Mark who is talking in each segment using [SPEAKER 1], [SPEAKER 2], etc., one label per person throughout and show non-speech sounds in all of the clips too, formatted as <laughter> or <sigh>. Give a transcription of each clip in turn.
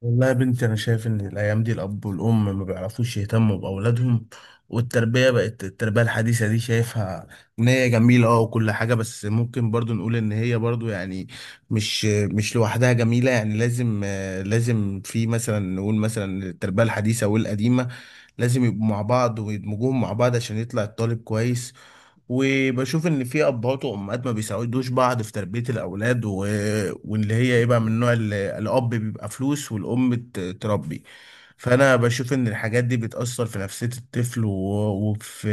[SPEAKER 1] والله يا بنتي، أنا شايف إن الأيام دي الأب والأم ما بيعرفوش يهتموا بأولادهم. والتربية بقت التربية الحديثة، دي شايفها إن هي جميلة وكل حاجة. بس ممكن برضو نقول إن هي برضو يعني مش لوحدها جميلة، يعني لازم في مثلا نقول مثلا التربية الحديثة والقديمة لازم يبقوا مع بعض ويدمجوهم مع بعض عشان يطلع الطالب كويس. وبشوف ان في ابهات وامهات ما بيساعدوش بعض في تربيه الاولاد، واللي هي يبقى من النوع اللي الاب بيبقى فلوس والام تربي. فانا بشوف ان الحاجات دي بتاثر في نفسيه الطفل، و... وفي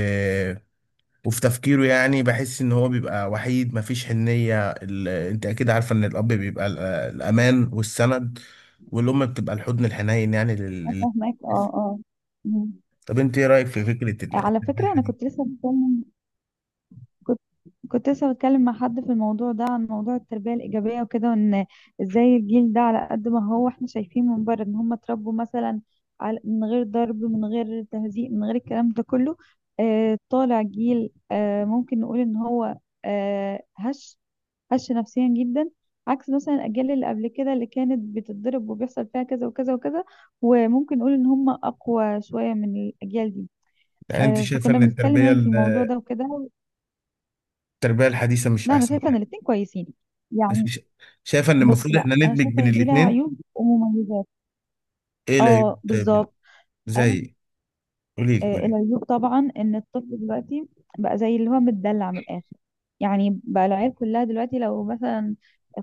[SPEAKER 1] وفي تفكيره، يعني بحس ان هو بيبقى وحيد مفيش حنيه انت اكيد عارفه ان الاب بيبقى الامان والسند، والام بتبقى الحضن الحنين يعني
[SPEAKER 2] أنا فاهماك، اه، اه. مم.
[SPEAKER 1] طب انت ايه رايك في فكره ال-
[SPEAKER 2] على
[SPEAKER 1] التربيه
[SPEAKER 2] فكرة، أنا
[SPEAKER 1] الحنيه؟
[SPEAKER 2] كنت كنت لسه بتكلم مع حد في الموضوع ده، عن موضوع التربية الإيجابية وكده، وإن إزاي الجيل ده، على قد ما هو إحنا شايفين من بره إن هم اتربوا مثلا على، من غير ضرب من غير تهزيء من غير الكلام ده كله، طالع جيل ممكن نقول إن هو آه هش هش نفسيا جدا، عكس مثلا الاجيال اللي قبل كده اللي كانت بتتضرب وبيحصل فيها كذا وكذا وكذا. وممكن نقول ان هم اقوى شويه من الاجيال دي.
[SPEAKER 1] يعني انت
[SPEAKER 2] آه،
[SPEAKER 1] شايفه
[SPEAKER 2] فكنا
[SPEAKER 1] ان
[SPEAKER 2] بنتكلم
[SPEAKER 1] التربيه
[SPEAKER 2] يعني في الموضوع ده وكده.
[SPEAKER 1] التربية الحديثة مش
[SPEAKER 2] لا، انا
[SPEAKER 1] أحسن
[SPEAKER 2] شايفه ان
[SPEAKER 1] حاجة؟
[SPEAKER 2] الاتنين كويسين،
[SPEAKER 1] بس
[SPEAKER 2] يعني.
[SPEAKER 1] مش شايفة إن
[SPEAKER 2] بص،
[SPEAKER 1] المفروض
[SPEAKER 2] لا،
[SPEAKER 1] إحنا
[SPEAKER 2] انا
[SPEAKER 1] ندمج
[SPEAKER 2] شايفه
[SPEAKER 1] بين
[SPEAKER 2] ان دي لها
[SPEAKER 1] الاتنين؟
[SPEAKER 2] عيوب ومميزات.
[SPEAKER 1] إيه العيوب
[SPEAKER 2] اه،
[SPEAKER 1] طيب
[SPEAKER 2] بالظبط. انا
[SPEAKER 1] زي قولي لي
[SPEAKER 2] آه،
[SPEAKER 1] قولي لي.
[SPEAKER 2] العيوب طبعا، ان الطفل دلوقتي بقى زي اللي هو متدلع من الاخر. يعني بقى العيال كلها دلوقتي لو مثلا،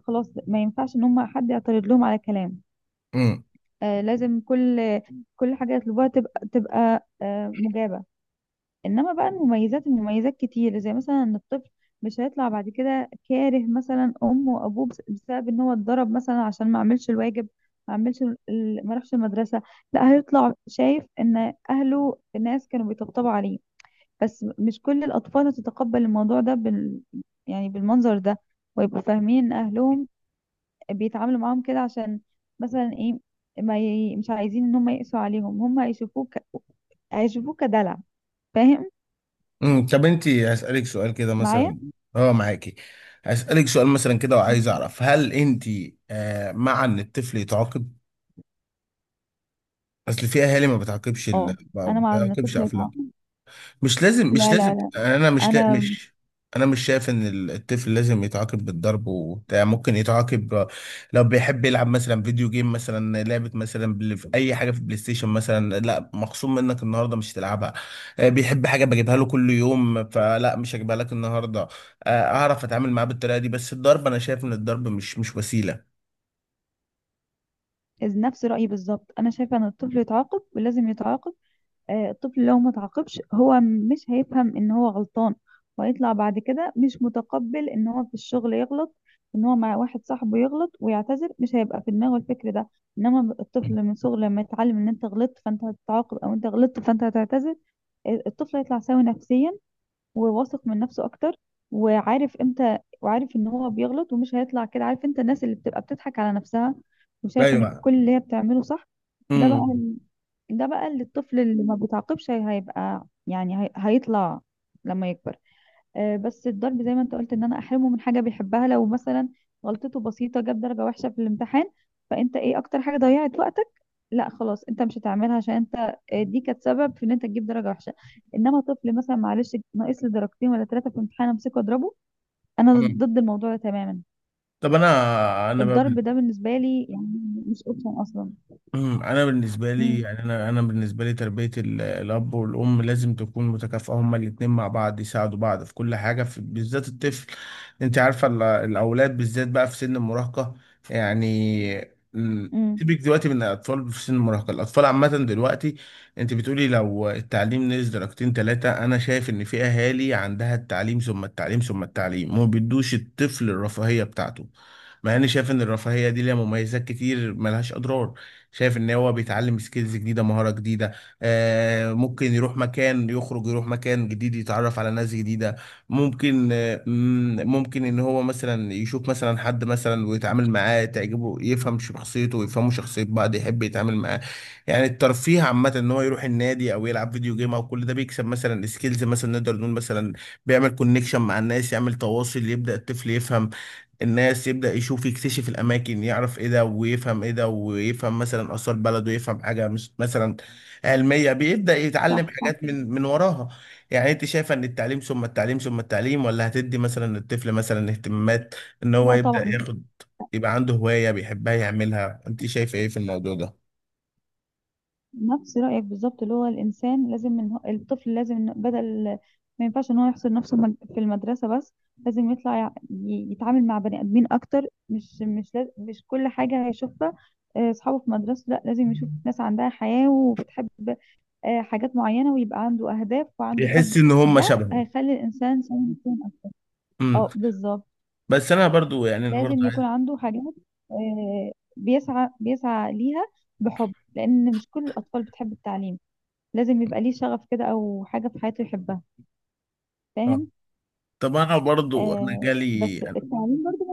[SPEAKER 2] خلاص، ما ينفعش ان هم حد يعترض لهم على كلام.
[SPEAKER 1] امم
[SPEAKER 2] آه، لازم كل حاجة يطلبوها تبقى مجابة. إنما بقى المميزات، كتير، زي مثلا إن الطفل مش هيطلع بعد كده كاره مثلا أمه وأبوه بسبب إن هو اتضرب مثلا عشان ما عملش الواجب، ما عملش ما راحش المدرسة. لا، هيطلع شايف إن أهله، الناس، كانوا بيطبطبوا عليه. بس مش كل الأطفال هتتقبل الموضوع ده يعني بالمنظر ده، ويبقوا فاهمين إن أهلهم بيتعاملوا معاهم كده عشان مثلا ايه، ما ي... مش عايزين ان هم يقسوا عليهم، هم هيشوفوك، كدلع. فاهم؟
[SPEAKER 1] طب أنت هسألك سؤال كده
[SPEAKER 2] معايا؟
[SPEAKER 1] مثلا. أه، معاكي؟ هسألك سؤال مثلا كده، وعايز أعرف هل أنت مع إن الطفل يتعاقب؟ أصل في أهالي ما بتعاقبش ال...
[SPEAKER 2] اه،
[SPEAKER 1] ما
[SPEAKER 2] انا مع ان
[SPEAKER 1] بتعاقبش
[SPEAKER 2] الطفل
[SPEAKER 1] أفلام.
[SPEAKER 2] يتعاقب.
[SPEAKER 1] مش لازم مش
[SPEAKER 2] لا، لا،
[SPEAKER 1] لازم
[SPEAKER 2] لا. انا
[SPEAKER 1] انا مش شايف ان الطفل لازم يتعاقب بالضرب وبتاع. ممكن يتعاقب لو بيحب يلعب مثلا فيديو جيم، مثلا لعبة مثلا في اي حاجة في البلاي ستيشن مثلا، لا مخصوم منك النهاردة مش تلعبها. بيحب حاجة بجيبها له كل يوم، فلا مش هجيبها لك النهاردة. آه، اعرف اتعامل معاه بالطريقة دي، بس الضرب انا شايف ان الضرب مش وسيلة.
[SPEAKER 2] نفس رايي بالظبط، انا شايفه ان الطفل يتعاقب ولازم يتعاقب. آه، الطفل لو ما تعاقبش، هو مش هيفهم ان هو غلطان، وهيطلع بعد كده مش متقبل ان هو في الشغل يغلط، ان هو مع واحد صاحبه يغلط ويعتذر. مش هيبقى في دماغه الفكر ده. انما الطفل من صغره لما يتعلم ان انت غلطت فانت هتتعاقب، او انت غلطت فانت هتعتذر، آه، الطفل هيطلع سوي نفسيا، وواثق من نفسه اكتر، وعارف امتى، وعارف ان هو بيغلط، ومش هيطلع كده عارف انت، الناس اللي بتبقى بتضحك على نفسها وشايفه ان
[SPEAKER 1] ايوه.
[SPEAKER 2] كل اللي هي بتعمله صح. ده بقى،
[SPEAKER 1] امم
[SPEAKER 2] اللي الطفل اللي ما بيتعاقبش، هيبقى، يعني، هيطلع لما يكبر. آه، بس الضرب زي ما انت قلت، ان انا احرمه من حاجه بيحبها، لو مثلا غلطته بسيطه، جاب درجه وحشه في الامتحان، فانت ايه اكتر حاجه ضيعت وقتك؟ لا، خلاص، انت مش هتعملها عشان انت، آه، دي كانت سبب في ان انت تجيب درجه وحشه. انما طفل مثلا معلش ناقص لي درجتين ولا ثلاثه في الامتحان، امسكه اضربه؟ انا
[SPEAKER 1] أمم.
[SPEAKER 2] ضد الموضوع ده تماما.
[SPEAKER 1] طب انا انا بقى.
[SPEAKER 2] الضرب ده بالنسبه لي، يعني، مش اوبشن اصلا.
[SPEAKER 1] انا بالنسبه لي
[SPEAKER 2] امم.
[SPEAKER 1] يعني انا بالنسبه لي تربيه الاب والام لازم تكون متكافئه، هما الاتنين مع بعض يساعدوا بعض في كل حاجه في بالذات الطفل. انت عارفه الاولاد بالذات بقى في سن المراهقه، يعني ال-
[SPEAKER 2] امم.
[SPEAKER 1] سيبك دلوقتي من الاطفال في سن المراهقه، الاطفال عامه دلوقتي. انت بتقولي لو التعليم نزل درجتين ثلاثه. انا شايف ان في اهالي عندها التعليم ثم التعليم ثم التعليم ما بيدوش الطفل الرفاهيه بتاعته، مع اني شايف ان الرفاهيه دي ليها مميزات كتير ملهاش اضرار. شايف ان هو بيتعلم سكيلز جديده، مهاره جديده. ممكن يروح مكان، يخرج يروح مكان جديد، يتعرف على ناس جديده. ممكن آه مم، ممكن ان هو مثلا يشوف مثلا حد مثلا ويتعامل معاه، تعجبه يفهم شخصيته ويفهموا شخصيه بعض، يحب يتعامل معاه. يعني الترفيه عامه ان هو يروح النادي او يلعب فيديو جيم، او كل ده بيكسب مثلا سكيلز، مثلا نقدر نقول مثلا بيعمل كونكشن مع الناس، يعمل تواصل، يبدا الطفل يفهم الناس، يبدأ يشوف، يكتشف الأماكن، يعرف إيه ده ويفهم إيه ده، ويفهم مثلا آثار بلده، ويفهم حاجة مش مثلا علمية، بيبدأ يتعلم
[SPEAKER 2] صح، صح.
[SPEAKER 1] حاجات من وراها. يعني أنت شايفة إن التعليم ثم التعليم ثم التعليم، ولا هتدي مثلا الطفل مثلا اهتمامات، إن هو
[SPEAKER 2] لا،
[SPEAKER 1] يبدأ
[SPEAKER 2] طبعا.
[SPEAKER 1] ياخد، يبقى عنده هواية بيحبها يعملها؟ أنت شايفة إيه في الموضوع ده؟
[SPEAKER 2] نفس رأيك بالظبط، اللي هو الإنسان لازم إن هو، الطفل لازم إن، بدل ما ينفعش إن هو يحصر نفسه في المدرسة بس، لازم يطلع يتعامل مع بني آدمين أكتر. مش كل حاجة هيشوفها آه، أصحابه في مدرسة، لا، لازم يشوف ناس عندها حياة وبتحب آه، حاجات معينة، ويبقى عنده أهداف وعنده حب.
[SPEAKER 1] يحس إن هم
[SPEAKER 2] ده
[SPEAKER 1] شبهه.
[SPEAKER 2] هيخلي الإنسان سوي، يكون
[SPEAKER 1] امم.
[SPEAKER 2] اه، بالظبط.
[SPEAKER 1] بس أنا برضو، يعني أنا برضو
[SPEAKER 2] لازم
[SPEAKER 1] عايز.
[SPEAKER 2] يكون عنده حاجات آه، بيسعى ليها بحب، لأن مش كل الأطفال بتحب التعليم. لازم يبقى ليه شغف كده، او حاجه في حياته يحبها.
[SPEAKER 1] آه.
[SPEAKER 2] فاهم؟
[SPEAKER 1] طب أنا برضو أنا
[SPEAKER 2] آه،
[SPEAKER 1] جالي،
[SPEAKER 2] بس التعليم برضو.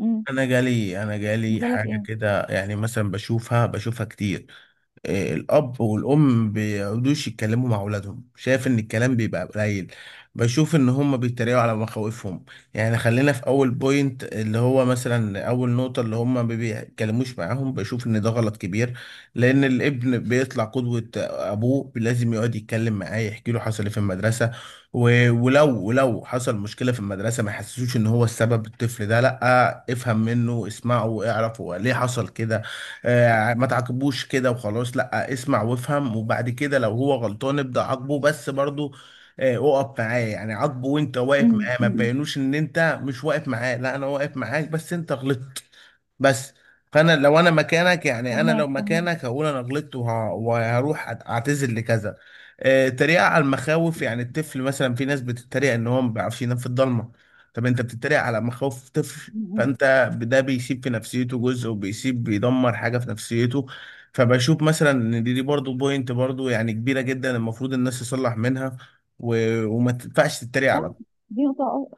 [SPEAKER 2] امم.
[SPEAKER 1] انا جالي
[SPEAKER 2] لك
[SPEAKER 1] حاجه
[SPEAKER 2] ايه؟
[SPEAKER 1] كده يعني، مثلا بشوفها كتير. الأب والأم بيقعدوش يتكلموا مع أولادهم، شايف إن الكلام بيبقى قليل. بشوف إن هما بيتريقوا على مخاوفهم. يعني خلينا في أول بوينت، اللي هو مثلا أول نقطة، اللي هما ما بيتكلموش معاهم، بشوف إن ده غلط كبير، لأن الابن بيطلع قدوة أبوه. لازم يقعد يتكلم معاه، يحكي له حصل إيه في المدرسة. ولو حصل مشكلة في المدرسة ما يحسسوش إن هو السبب، الطفل ده لأ، افهم منه، اسمعه، اعرفه ليه حصل كده. ما تعاقبوش كده وخلاص، لا اسمع وافهم، وبعد كده لو هو غلطان ابدأ عاقبه، بس برضو اقف معاه، يعني عاقبه وانت واقف
[SPEAKER 2] امم.
[SPEAKER 1] معاه، ما
[SPEAKER 2] أمم.
[SPEAKER 1] تبينوش ان انت مش واقف معاه، لا انا واقف معاك بس انت غلطت. بس فانا لو انا مكانك، يعني انا لو
[SPEAKER 2] فهماك، فهماك.
[SPEAKER 1] مكانك هقول انا غلطت وهروح اعتذر لكذا. التريقة على المخاوف، يعني الطفل مثلا في ناس بتتريق ان هو ما بيعرفش ينام في الضلمه. طب انت بتتريق على مخاوف طفل؟
[SPEAKER 2] أمم.
[SPEAKER 1] فانت ده بيسيب في نفسيته جزء، بيدمر حاجه في نفسيته. فبشوف مثلا ان دي برضو بوينت، برضو يعني كبيره جدا المفروض الناس تصلح منها، و... وما تنفعش تتريق
[SPEAKER 2] صح.
[SPEAKER 1] على.
[SPEAKER 2] دي نقطه،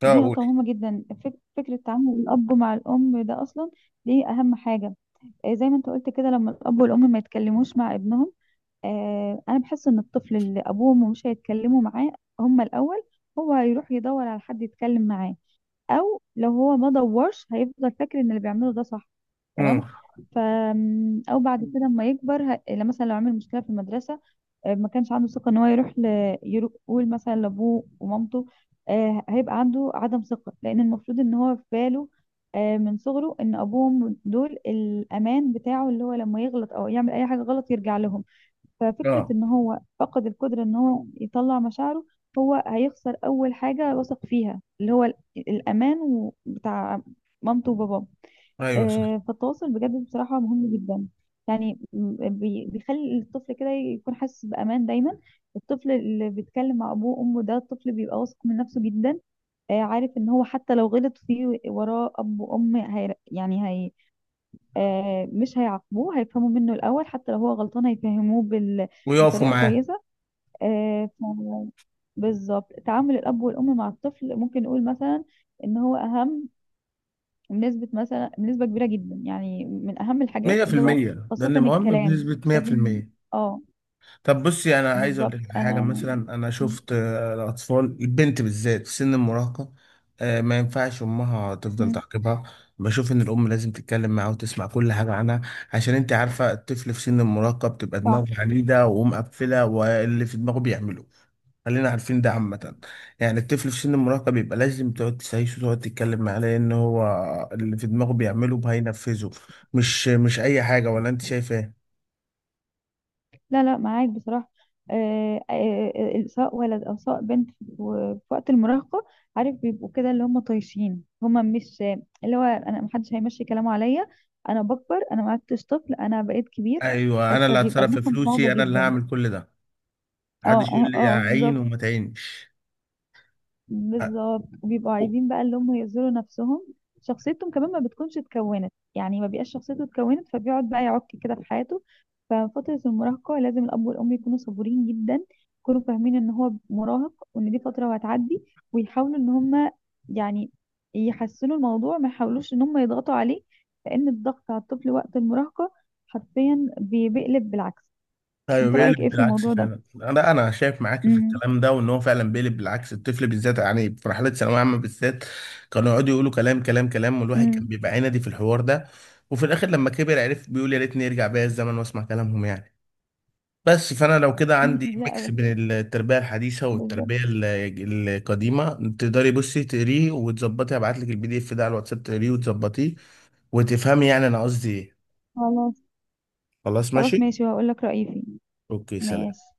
[SPEAKER 1] ده اقول.
[SPEAKER 2] مهمه جدا. فكره تعامل الاب مع الام ده اصلا دي اهم حاجه. آه، زي ما انت قلت كده، لما الاب والام ما يتكلموش مع ابنهم، آه، انا بحس ان الطفل اللي ابوه وامه مش هيتكلموا معاه، هما الاول، هو هيروح يدور على حد يتكلم معاه، او لو هو ما دورش هيفضل فاكر ان اللي بيعمله ده صح.
[SPEAKER 1] امم.
[SPEAKER 2] تمام. ف او بعد كده لما يكبر، لما مثلا لو عمل مشكله في المدرسه، آه، ما كانش عنده ثقه ان هو يروح يقول مثلا لابوه ومامته، آه، هيبقى عنده عدم ثقه، لان المفروض ان هو في باله آه، من صغره، ان ابوه وامه دول الامان بتاعه، اللي هو لما يغلط او يعمل اي حاجه غلط يرجع لهم. ففكرة
[SPEAKER 1] اه.
[SPEAKER 2] ان هو فقد القدرة ان هو يطلع مشاعره، هو هيخسر اول حاجة وثق فيها، اللي هو الامان بتاع مامته وباباه.
[SPEAKER 1] ايوه صح،
[SPEAKER 2] آه، فالتواصل بجد بصراحة مهم جدا. يعني بيخلي الطفل كده يكون حاسس بأمان دايما. الطفل اللي بيتكلم مع أبوه وأمه ده الطفل بيبقى واثق من نفسه جدا، آه، عارف إن هو حتى لو غلط فيه وراه أب وأم، هي يعني هي، آه، مش هيعاقبوه، هيفهموا منه الأول، حتى لو هو غلطان هيفهموه
[SPEAKER 1] ويقفوا
[SPEAKER 2] بطريقة
[SPEAKER 1] معاه.
[SPEAKER 2] كويسة. آه، بالظبط تعامل الأب والأم مع الطفل، ممكن نقول مثلا إن هو أهم بنسبة مثلا، بنسبة كبيرة جدا، يعني من أهم الحاجات
[SPEAKER 1] مية في
[SPEAKER 2] اللي هو،
[SPEAKER 1] المية ده
[SPEAKER 2] خاصة
[SPEAKER 1] اللي مهم
[SPEAKER 2] الكلام.
[SPEAKER 1] بنسبة
[SPEAKER 2] مش
[SPEAKER 1] مية في
[SPEAKER 2] لازم.
[SPEAKER 1] المية
[SPEAKER 2] اه،
[SPEAKER 1] طب بصي انا عايز اقول
[SPEAKER 2] بالظبط.
[SPEAKER 1] لك حاجه
[SPEAKER 2] أنا
[SPEAKER 1] مثلا. انا
[SPEAKER 2] م-
[SPEAKER 1] شفت الاطفال، البنت بالذات في سن المراهقه، ما ينفعش امها تفضل
[SPEAKER 2] م-
[SPEAKER 1] تعاقبها. بشوف ان الام لازم تتكلم معاها وتسمع كل حاجه عنها، عشان انت عارفه الطفل في سن المراهقه بتبقى
[SPEAKER 2] صح.
[SPEAKER 1] دماغه عنيده ومقفله، واللي في دماغه بيعمله. خلينا عارفين ده عامة. يعني الطفل في سن المراهقة بيبقى لازم تقعد تسايسه وتقعد تتكلم معاه، لأن هو اللي في دماغه بيعمله هينفذه، مش أي حاجة. ولا أنت شايفة؟
[SPEAKER 2] لا، لا، معاك بصراحة. آه، آه، آه، آه، سواء ولد أو سواء بنت، في وقت المراهقة، عارف بيبقوا كده، اللي هم طايشين، هم مش، اللي هو أنا محدش هيمشي كلامه عليا، أنا بكبر، أنا ما عدتش طفل أنا بقيت كبير.
[SPEAKER 1] ايوه،
[SPEAKER 2] آه،
[SPEAKER 1] انا اللي
[SPEAKER 2] فبيبقى
[SPEAKER 1] هتصرف في
[SPEAKER 2] دماغهم صعبة
[SPEAKER 1] فلوسي، انا اللي
[SPEAKER 2] جدا.
[SPEAKER 1] هعمل كل ده،
[SPEAKER 2] اه،
[SPEAKER 1] محدش
[SPEAKER 2] اه،
[SPEAKER 1] يقول لي
[SPEAKER 2] اه،
[SPEAKER 1] اعين
[SPEAKER 2] بالظبط.
[SPEAKER 1] وما تعينش. أ-
[SPEAKER 2] بالظبط. وبيبقوا عايزين بقى اللي هم يظهروا نفسهم، شخصيتهم كمان ما بتكونش اتكونت، يعني ما بيبقاش شخصيته اتكونت، فبيقعد بقى يعك كده في حياته. ففترة المراهقة لازم الأب والأم يكونوا صبورين جدا، يكونوا فاهمين إن هو مراهق، وإن دي فترة وهتعدي، ويحاولوا إن هم، يعني، يحسنوا الموضوع، ما يحاولوش إن هم يضغطوا عليه، لأن الضغط على الطفل وقت المراهقة حرفيا بيقلب بالعكس.
[SPEAKER 1] ايوه
[SPEAKER 2] أنت رأيك
[SPEAKER 1] بيقلب
[SPEAKER 2] إيه في
[SPEAKER 1] بالعكس
[SPEAKER 2] الموضوع ده؟
[SPEAKER 1] فعلا. انا شايف معاك في
[SPEAKER 2] امم.
[SPEAKER 1] الكلام ده، وان هو فعلا بيقلب بالعكس الطفل بالذات، يعني في مرحله ثانويه عامه بالذات، كانوا يقعدوا يقولوا كلام كلام كلام، والواحد كان
[SPEAKER 2] امم.
[SPEAKER 1] بيبقى عندي في الحوار ده. وفي الاخر لما كبر عرف، بيقول يا ريتني يرجع بيا الزمن واسمع كلامهم، يعني. بس فانا لو كده
[SPEAKER 2] <laughs>
[SPEAKER 1] عندي ميكس
[SPEAKER 2] لا،
[SPEAKER 1] بين التربيه الحديثه
[SPEAKER 2] بالظبط.
[SPEAKER 1] والتربيه القديمه. تقدري بصي تقريه وتظبطي، هبعت لك PDF ده على الواتساب، تقريه وتظبطيه وتفهمي يعني انا قصدي ايه.
[SPEAKER 2] خلاص.
[SPEAKER 1] خلاص
[SPEAKER 2] خلاص،
[SPEAKER 1] ماشي.
[SPEAKER 2] ماشي، وهقول لك رأيي فيه.
[SPEAKER 1] اوكي، سلام.
[SPEAKER 2] ماشي.